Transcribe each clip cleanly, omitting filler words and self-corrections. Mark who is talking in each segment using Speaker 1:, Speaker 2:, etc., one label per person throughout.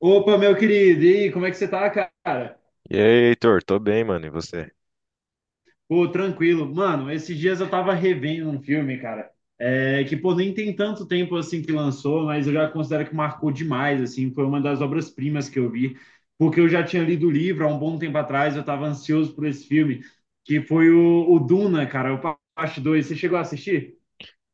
Speaker 1: Opa, meu querido, e aí, como é que você tá, cara?
Speaker 2: E aí, Heitor, tô bem, mano, e você?
Speaker 1: Pô, tranquilo. Mano, esses dias eu tava revendo um filme, cara, pô, nem tem tanto tempo, assim, que lançou, mas eu já considero que marcou demais, assim, foi uma das obras-primas que eu vi, porque eu já tinha lido o livro há um bom tempo atrás, eu tava ansioso por esse filme, que foi o Duna, cara, o Parte 2. Você chegou a assistir?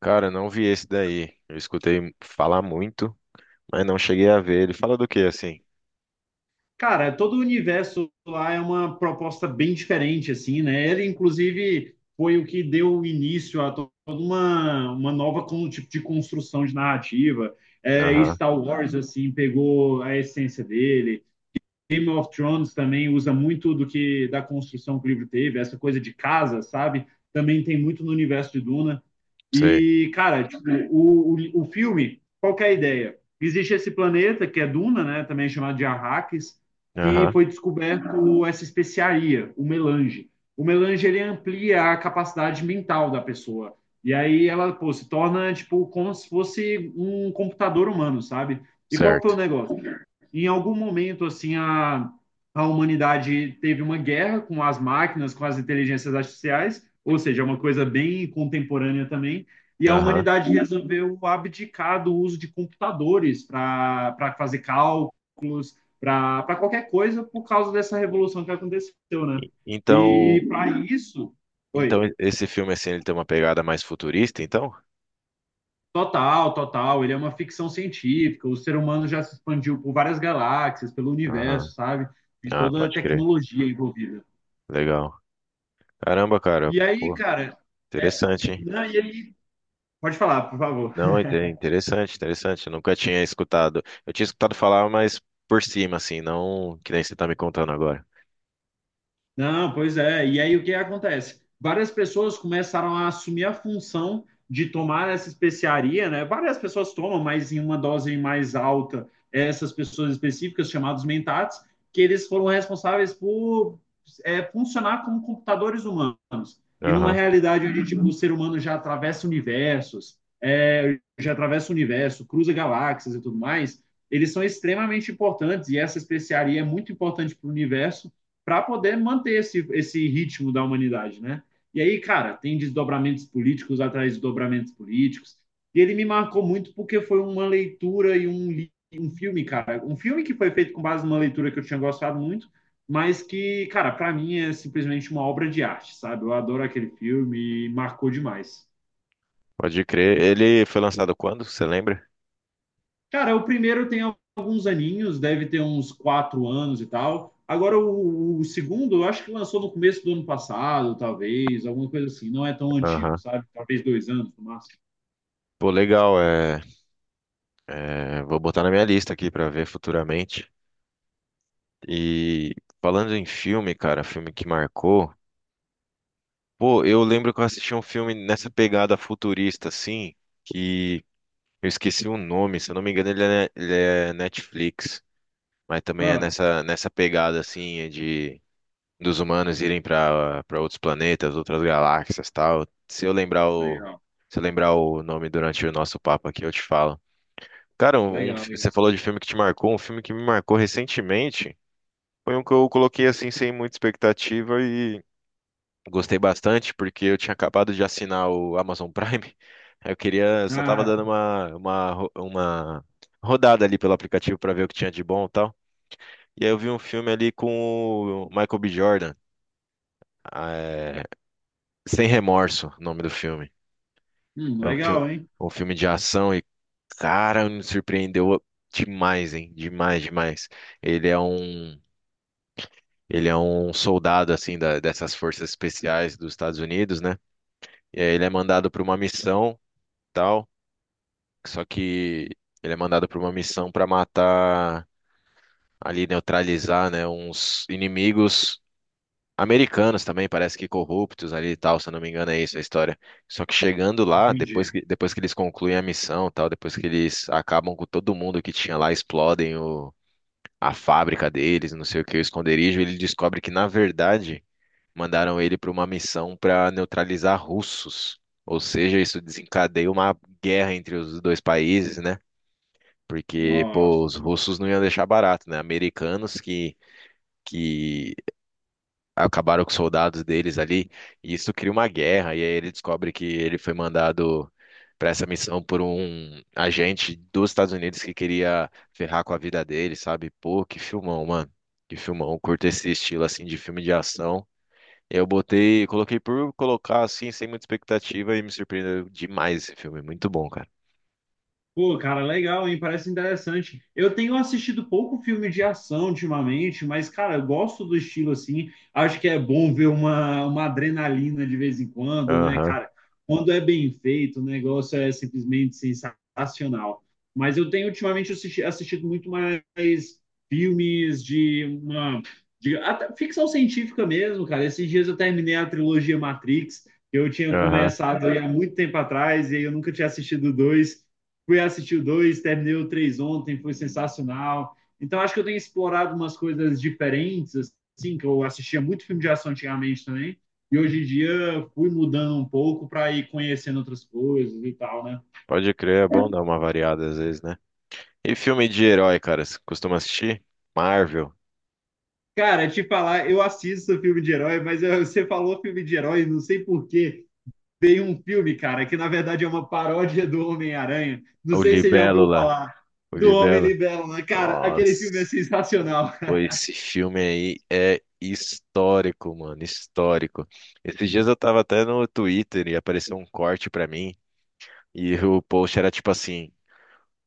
Speaker 2: Cara, eu não vi esse daí. Eu escutei falar muito, mas não cheguei a ver. Ele fala do quê, assim?
Speaker 1: Cara, todo o universo lá é uma proposta bem diferente, assim, né? Ele, inclusive, foi o que deu início a toda uma nova tipo de construção de narrativa. É, e
Speaker 2: Aham,
Speaker 1: Star Wars, assim, pegou a essência dele. Game of Thrones também usa muito do que da construção que o livro teve, essa coisa de casa, sabe? Também tem muito no universo de Duna.
Speaker 2: sei.
Speaker 1: E, cara, tipo, o filme, qual que é a ideia? Existe esse planeta, que é Duna, né? Também é chamado de Arrakis, que
Speaker 2: Aham,
Speaker 1: foi descoberto essa especiaria, o melange. O melange, ele amplia a capacidade mental da pessoa. E aí ela, pô, se torna, tipo, como se fosse um computador humano, sabe? E qual que foi o
Speaker 2: certo.
Speaker 1: negócio? Em algum momento, assim, a humanidade teve uma guerra com as máquinas, com as inteligências artificiais, ou seja, é uma coisa bem contemporânea também, e a
Speaker 2: Aham.
Speaker 1: humanidade resolveu abdicar do uso de computadores para fazer cálculo, para qualquer coisa, por causa dessa revolução que aconteceu, né? E
Speaker 2: Então,
Speaker 1: para isso,
Speaker 2: então
Speaker 1: oi,
Speaker 2: esse filme, assim, ele tem uma pegada mais futurista, então?
Speaker 1: total, total, ele é uma ficção científica, o ser humano já se expandiu por várias galáxias, pelo
Speaker 2: Aham.
Speaker 1: universo, sabe? E
Speaker 2: Ah,
Speaker 1: toda a
Speaker 2: pode crer.
Speaker 1: tecnologia envolvida.
Speaker 2: Legal. Caramba, cara,
Speaker 1: E aí,
Speaker 2: pô,
Speaker 1: cara, é-
Speaker 2: interessante, hein?
Speaker 1: não, e aí, pode falar, por favor.
Speaker 2: Não, interessante, interessante. Eu nunca tinha escutado. Eu tinha escutado falar, mas por cima, assim, não que nem você tá me contando agora.
Speaker 1: Não, pois é. E aí o que acontece? Várias pessoas começaram a assumir a função de tomar essa especiaria, né? Várias pessoas tomam, mas em uma dose mais alta, essas pessoas específicas, chamados mentates, que eles foram responsáveis por funcionar como computadores humanos. E numa realidade onde tipo, o ser humano já atravessa universos, é, já atravessa o universo, cruza galáxias e tudo mais, eles são extremamente importantes, e essa especiaria é muito importante para o universo, para poder manter esse ritmo da humanidade, né? E aí, cara, tem desdobramentos políticos atrás de desdobramentos políticos. E ele me marcou muito porque foi uma leitura e um filme, cara. Um filme que foi feito com base numa leitura que eu tinha gostado muito, mas que, cara, para mim é simplesmente uma obra de arte, sabe? Eu adoro aquele filme e marcou demais.
Speaker 2: Pode crer. Ele foi lançado quando? Você lembra?
Speaker 1: Cara, o primeiro tem alguns aninhos, deve ter uns quatro anos e tal. Agora, o segundo, eu acho que lançou no começo do ano passado, talvez, alguma coisa assim. Não é tão antigo,
Speaker 2: Aham.
Speaker 1: sabe? Talvez dois anos no máximo.
Speaker 2: Pô, legal. Vou botar na minha lista aqui pra ver futuramente. E falando em filme, cara, filme que marcou. Pô, eu lembro que eu assisti um filme nessa pegada futurista, assim, que eu esqueci o nome. Se eu não me engano, ele é Netflix. Mas também é
Speaker 1: Ah,
Speaker 2: nessa pegada, assim, é de dos humanos irem para outros planetas, outras galáxias, tal.
Speaker 1: legal,
Speaker 2: Se eu lembrar o nome durante o nosso papo aqui, eu te falo. Cara,
Speaker 1: legal,
Speaker 2: você
Speaker 1: legal.
Speaker 2: falou de filme que te marcou, um filme que me marcou recentemente. Foi um que eu coloquei assim sem muita expectativa e gostei bastante porque eu tinha acabado de assinar o Amazon Prime. Eu queria, só tava
Speaker 1: Ah,
Speaker 2: dando uma rodada ali pelo aplicativo para ver o que tinha de bom e tal. E aí eu vi um filme ali com o Michael B. Jordan. eh, Sem Remorso, o nome do filme. É um filme,
Speaker 1: legal, hein?
Speaker 2: um filme de ação e, cara, me surpreendeu demais, hein? Demais, demais. Ele é um, ele é um soldado, assim, dessas forças especiais dos Estados Unidos, né? E aí ele é mandado para uma missão, tal, só que ele é mandado para uma missão para matar, ali, neutralizar, né, uns inimigos americanos também, parece que corruptos ali e tal, se eu não me engano, é isso a história. Só que chegando lá,
Speaker 1: Entendi.
Speaker 2: depois que eles concluem a missão, e tal, depois que eles acabam com todo mundo que tinha lá, explodem a fábrica deles, não sei o que, o esconderijo, ele descobre que, na verdade, mandaram ele para uma missão para neutralizar russos. Ou seja, isso desencadeia uma guerra entre os dois países, né? Porque, pô,
Speaker 1: Nossa.
Speaker 2: os russos não iam deixar barato, né? Americanos que acabaram com os soldados deles ali, e isso cria uma guerra, e aí ele descobre que ele foi mandado para essa missão por um agente dos Estados Unidos que queria ferrar com a vida dele, sabe? Pô, que filmão, mano. Que filmão. Eu curto esse estilo assim de filme de ação. Coloquei por colocar assim, sem muita expectativa, e me surpreendeu demais esse filme. Muito bom, cara.
Speaker 1: Pô, cara, legal, hein? Parece interessante. Eu tenho assistido pouco filme de ação ultimamente, mas, cara, eu gosto do estilo assim. Acho que é bom ver uma adrenalina de vez em quando, né,
Speaker 2: Aham,
Speaker 1: cara? Quando é bem feito, o negócio é simplesmente sensacional. Mas eu tenho ultimamente assistido muito mais filmes de uma. De, até ficção científica mesmo, cara. Esses dias eu terminei a trilogia Matrix, que eu tinha
Speaker 2: aham.
Speaker 1: começado aí há muito tempo atrás, e aí eu nunca tinha assistido dois fui assistir o 2, terminei o 3 ontem, foi sensacional. Então, acho que eu tenho explorado umas coisas diferentes, assim, que eu assistia muito filme de ação antigamente também, e hoje em dia fui mudando um pouco para ir conhecendo outras coisas e tal, né?
Speaker 2: Pode crer, é bom dar uma variada às vezes, né? E filme de herói, cara? Você costuma assistir? Marvel,
Speaker 1: Cara, te falar, eu assisto filme de herói, mas eu, você falou filme de herói, não sei porquê. Tem um filme, cara, que na verdade é uma paródia do Homem-Aranha. Não
Speaker 2: o
Speaker 1: sei se você já ouviu
Speaker 2: Libélula.
Speaker 1: falar
Speaker 2: O
Speaker 1: do Homem
Speaker 2: Libelo.
Speaker 1: Libelo, né? Cara, aquele filme é
Speaker 2: Nossa,
Speaker 1: sensacional.
Speaker 2: pô, esse filme aí é histórico, mano, histórico. Esses dias eu tava até no Twitter e apareceu um corte pra mim e o post era tipo assim: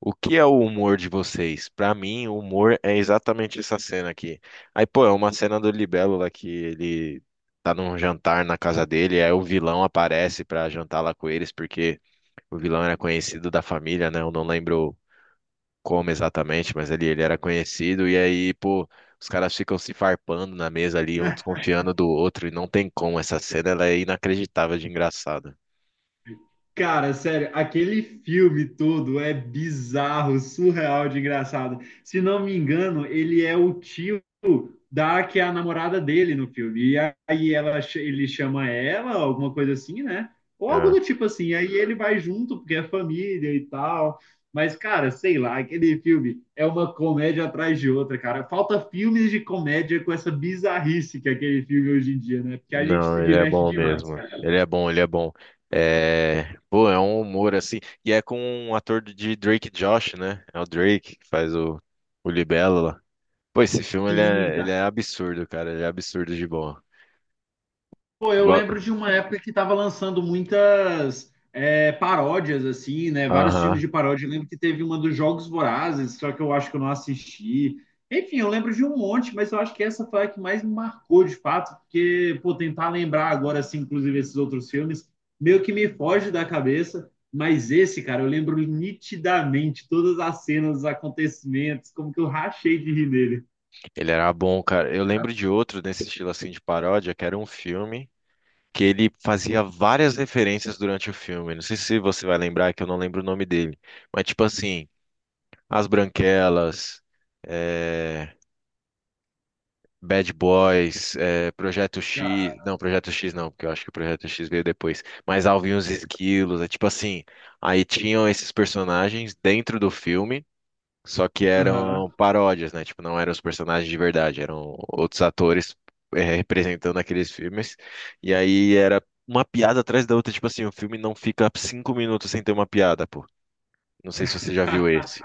Speaker 2: o que é o humor de vocês? Pra mim, o humor é exatamente essa cena aqui. Aí, pô, é uma cena do Libelo lá que ele tá num jantar na casa dele, aí o vilão aparece pra jantar lá com eles porque o vilão era conhecido da família, né? Eu não lembro como exatamente, mas ele era conhecido, e aí, pô, os caras ficam se farpando na mesa ali, um desconfiando do outro, e não tem como. Essa cena ela é inacreditável de engraçada.
Speaker 1: Cara, sério, aquele filme todo é bizarro, surreal de engraçado. Se não me engano, ele é o tio da que é a namorada dele no filme. E aí ela, ele chama ela, alguma coisa assim, né? Ou algo
Speaker 2: Ah,
Speaker 1: do tipo assim. Aí ele vai junto, porque é família e tal. Mas, cara, sei lá, aquele filme é uma comédia atrás de outra, cara. Falta filmes de comédia com essa bizarrice que é aquele filme hoje em dia, né? Porque a gente
Speaker 2: não,
Speaker 1: se
Speaker 2: ele é
Speaker 1: diverte
Speaker 2: bom
Speaker 1: demais,
Speaker 2: mesmo.
Speaker 1: cara.
Speaker 2: Ele é bom, ele é bom. É, pô, é um humor assim. E é com um ator de Drake Josh, né? É o Drake que faz o Libelo lá. Pô, esse filme
Speaker 1: Sim,
Speaker 2: ele é absurdo, cara. Ele é absurdo de bom.
Speaker 1: pô, eu
Speaker 2: Igual-
Speaker 1: lembro de uma época que tava lançando muitas paródias, assim, né? Vários filmes
Speaker 2: Aham.
Speaker 1: de paródia. Eu lembro que teve uma dos Jogos Vorazes, só que eu acho que eu não assisti. Enfim, eu lembro de um monte, mas eu acho que essa foi a que mais me marcou, de fato, porque, pô, tentar lembrar agora, assim, inclusive esses outros filmes, meio que me foge da cabeça. Mas esse, cara, eu lembro nitidamente todas as cenas, os acontecimentos, como que eu rachei de rir nele.
Speaker 2: Ele era bom, cara. Eu lembro de outro nesse estilo assim de paródia, que era um filme que ele fazia várias referências durante o filme. Não sei se você vai lembrar, que eu não lembro o nome dele. Mas, tipo assim, As Branquelas, eh, Bad Boys, Projeto X.
Speaker 1: Cara,
Speaker 2: Não, Projeto X não, porque eu acho que o Projeto X veio depois. Mas Alvin e os Esquilos, é tipo assim. Aí tinham esses personagens dentro do filme. Só que
Speaker 1: aham.
Speaker 2: eram paródias, né? Tipo, não eram os personagens de verdade, eram outros atores representando aqueles filmes. E aí era uma piada atrás da outra. Tipo assim, o filme não fica 5 minutos sem ter uma piada, pô. Não sei se você já viu esse.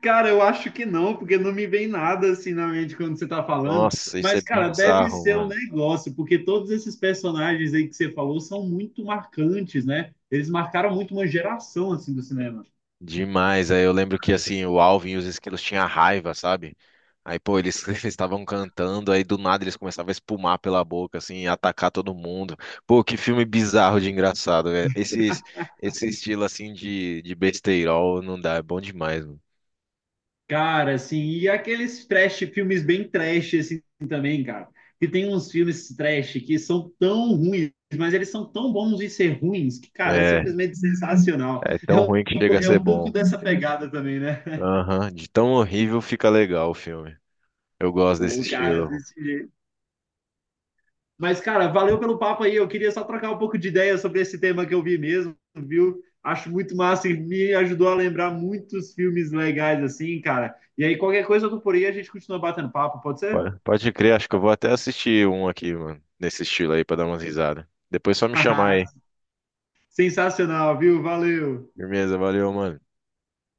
Speaker 1: Cara, eu acho que não, porque não me vem nada assim na mente quando você tá falando.
Speaker 2: Nossa, isso é
Speaker 1: Mas, cara, deve
Speaker 2: bizarro,
Speaker 1: ser um negócio, porque todos esses personagens aí que você falou são muito marcantes, né? Eles marcaram muito uma geração assim do cinema.
Speaker 2: demais. Aí eu lembro que assim, o Alvin e os esquilos tinham raiva, sabe? Aí, pô, eles eles estavam cantando, aí do nada eles começavam a espumar pela boca, assim, e atacar todo mundo. Pô, que filme bizarro de engraçado, velho. Esse estilo, assim, de besteirol não dá, é bom demais, mano.
Speaker 1: Cara, assim, e aqueles trash, filmes bem trash assim também, cara. Que tem uns filmes trash que são tão ruins, mas eles são tão bons em ser ruins que, cara, é
Speaker 2: É,
Speaker 1: simplesmente sensacional.
Speaker 2: é tão ruim que chega a
Speaker 1: É
Speaker 2: ser
Speaker 1: um pouco
Speaker 2: bom.
Speaker 1: dessa pegada também, né?
Speaker 2: Aham, de tão horrível fica legal o filme. Eu gosto desse
Speaker 1: Pô, cara,
Speaker 2: estilo.
Speaker 1: desse jeito. Mas, cara, valeu pelo papo aí. Eu queria só trocar um pouco de ideia sobre esse tema que eu vi mesmo, viu? Acho muito massa e me ajudou a lembrar muitos filmes legais, assim, cara. E aí, qualquer coisa eu tô por aí, a gente continua batendo papo, pode ser?
Speaker 2: Pode, pode crer, acho que eu vou até assistir um aqui, mano, nesse estilo aí, pra dar umas risadas. Depois só me chamar aí.
Speaker 1: Sensacional, viu? Valeu.
Speaker 2: Firmeza, valeu, mano.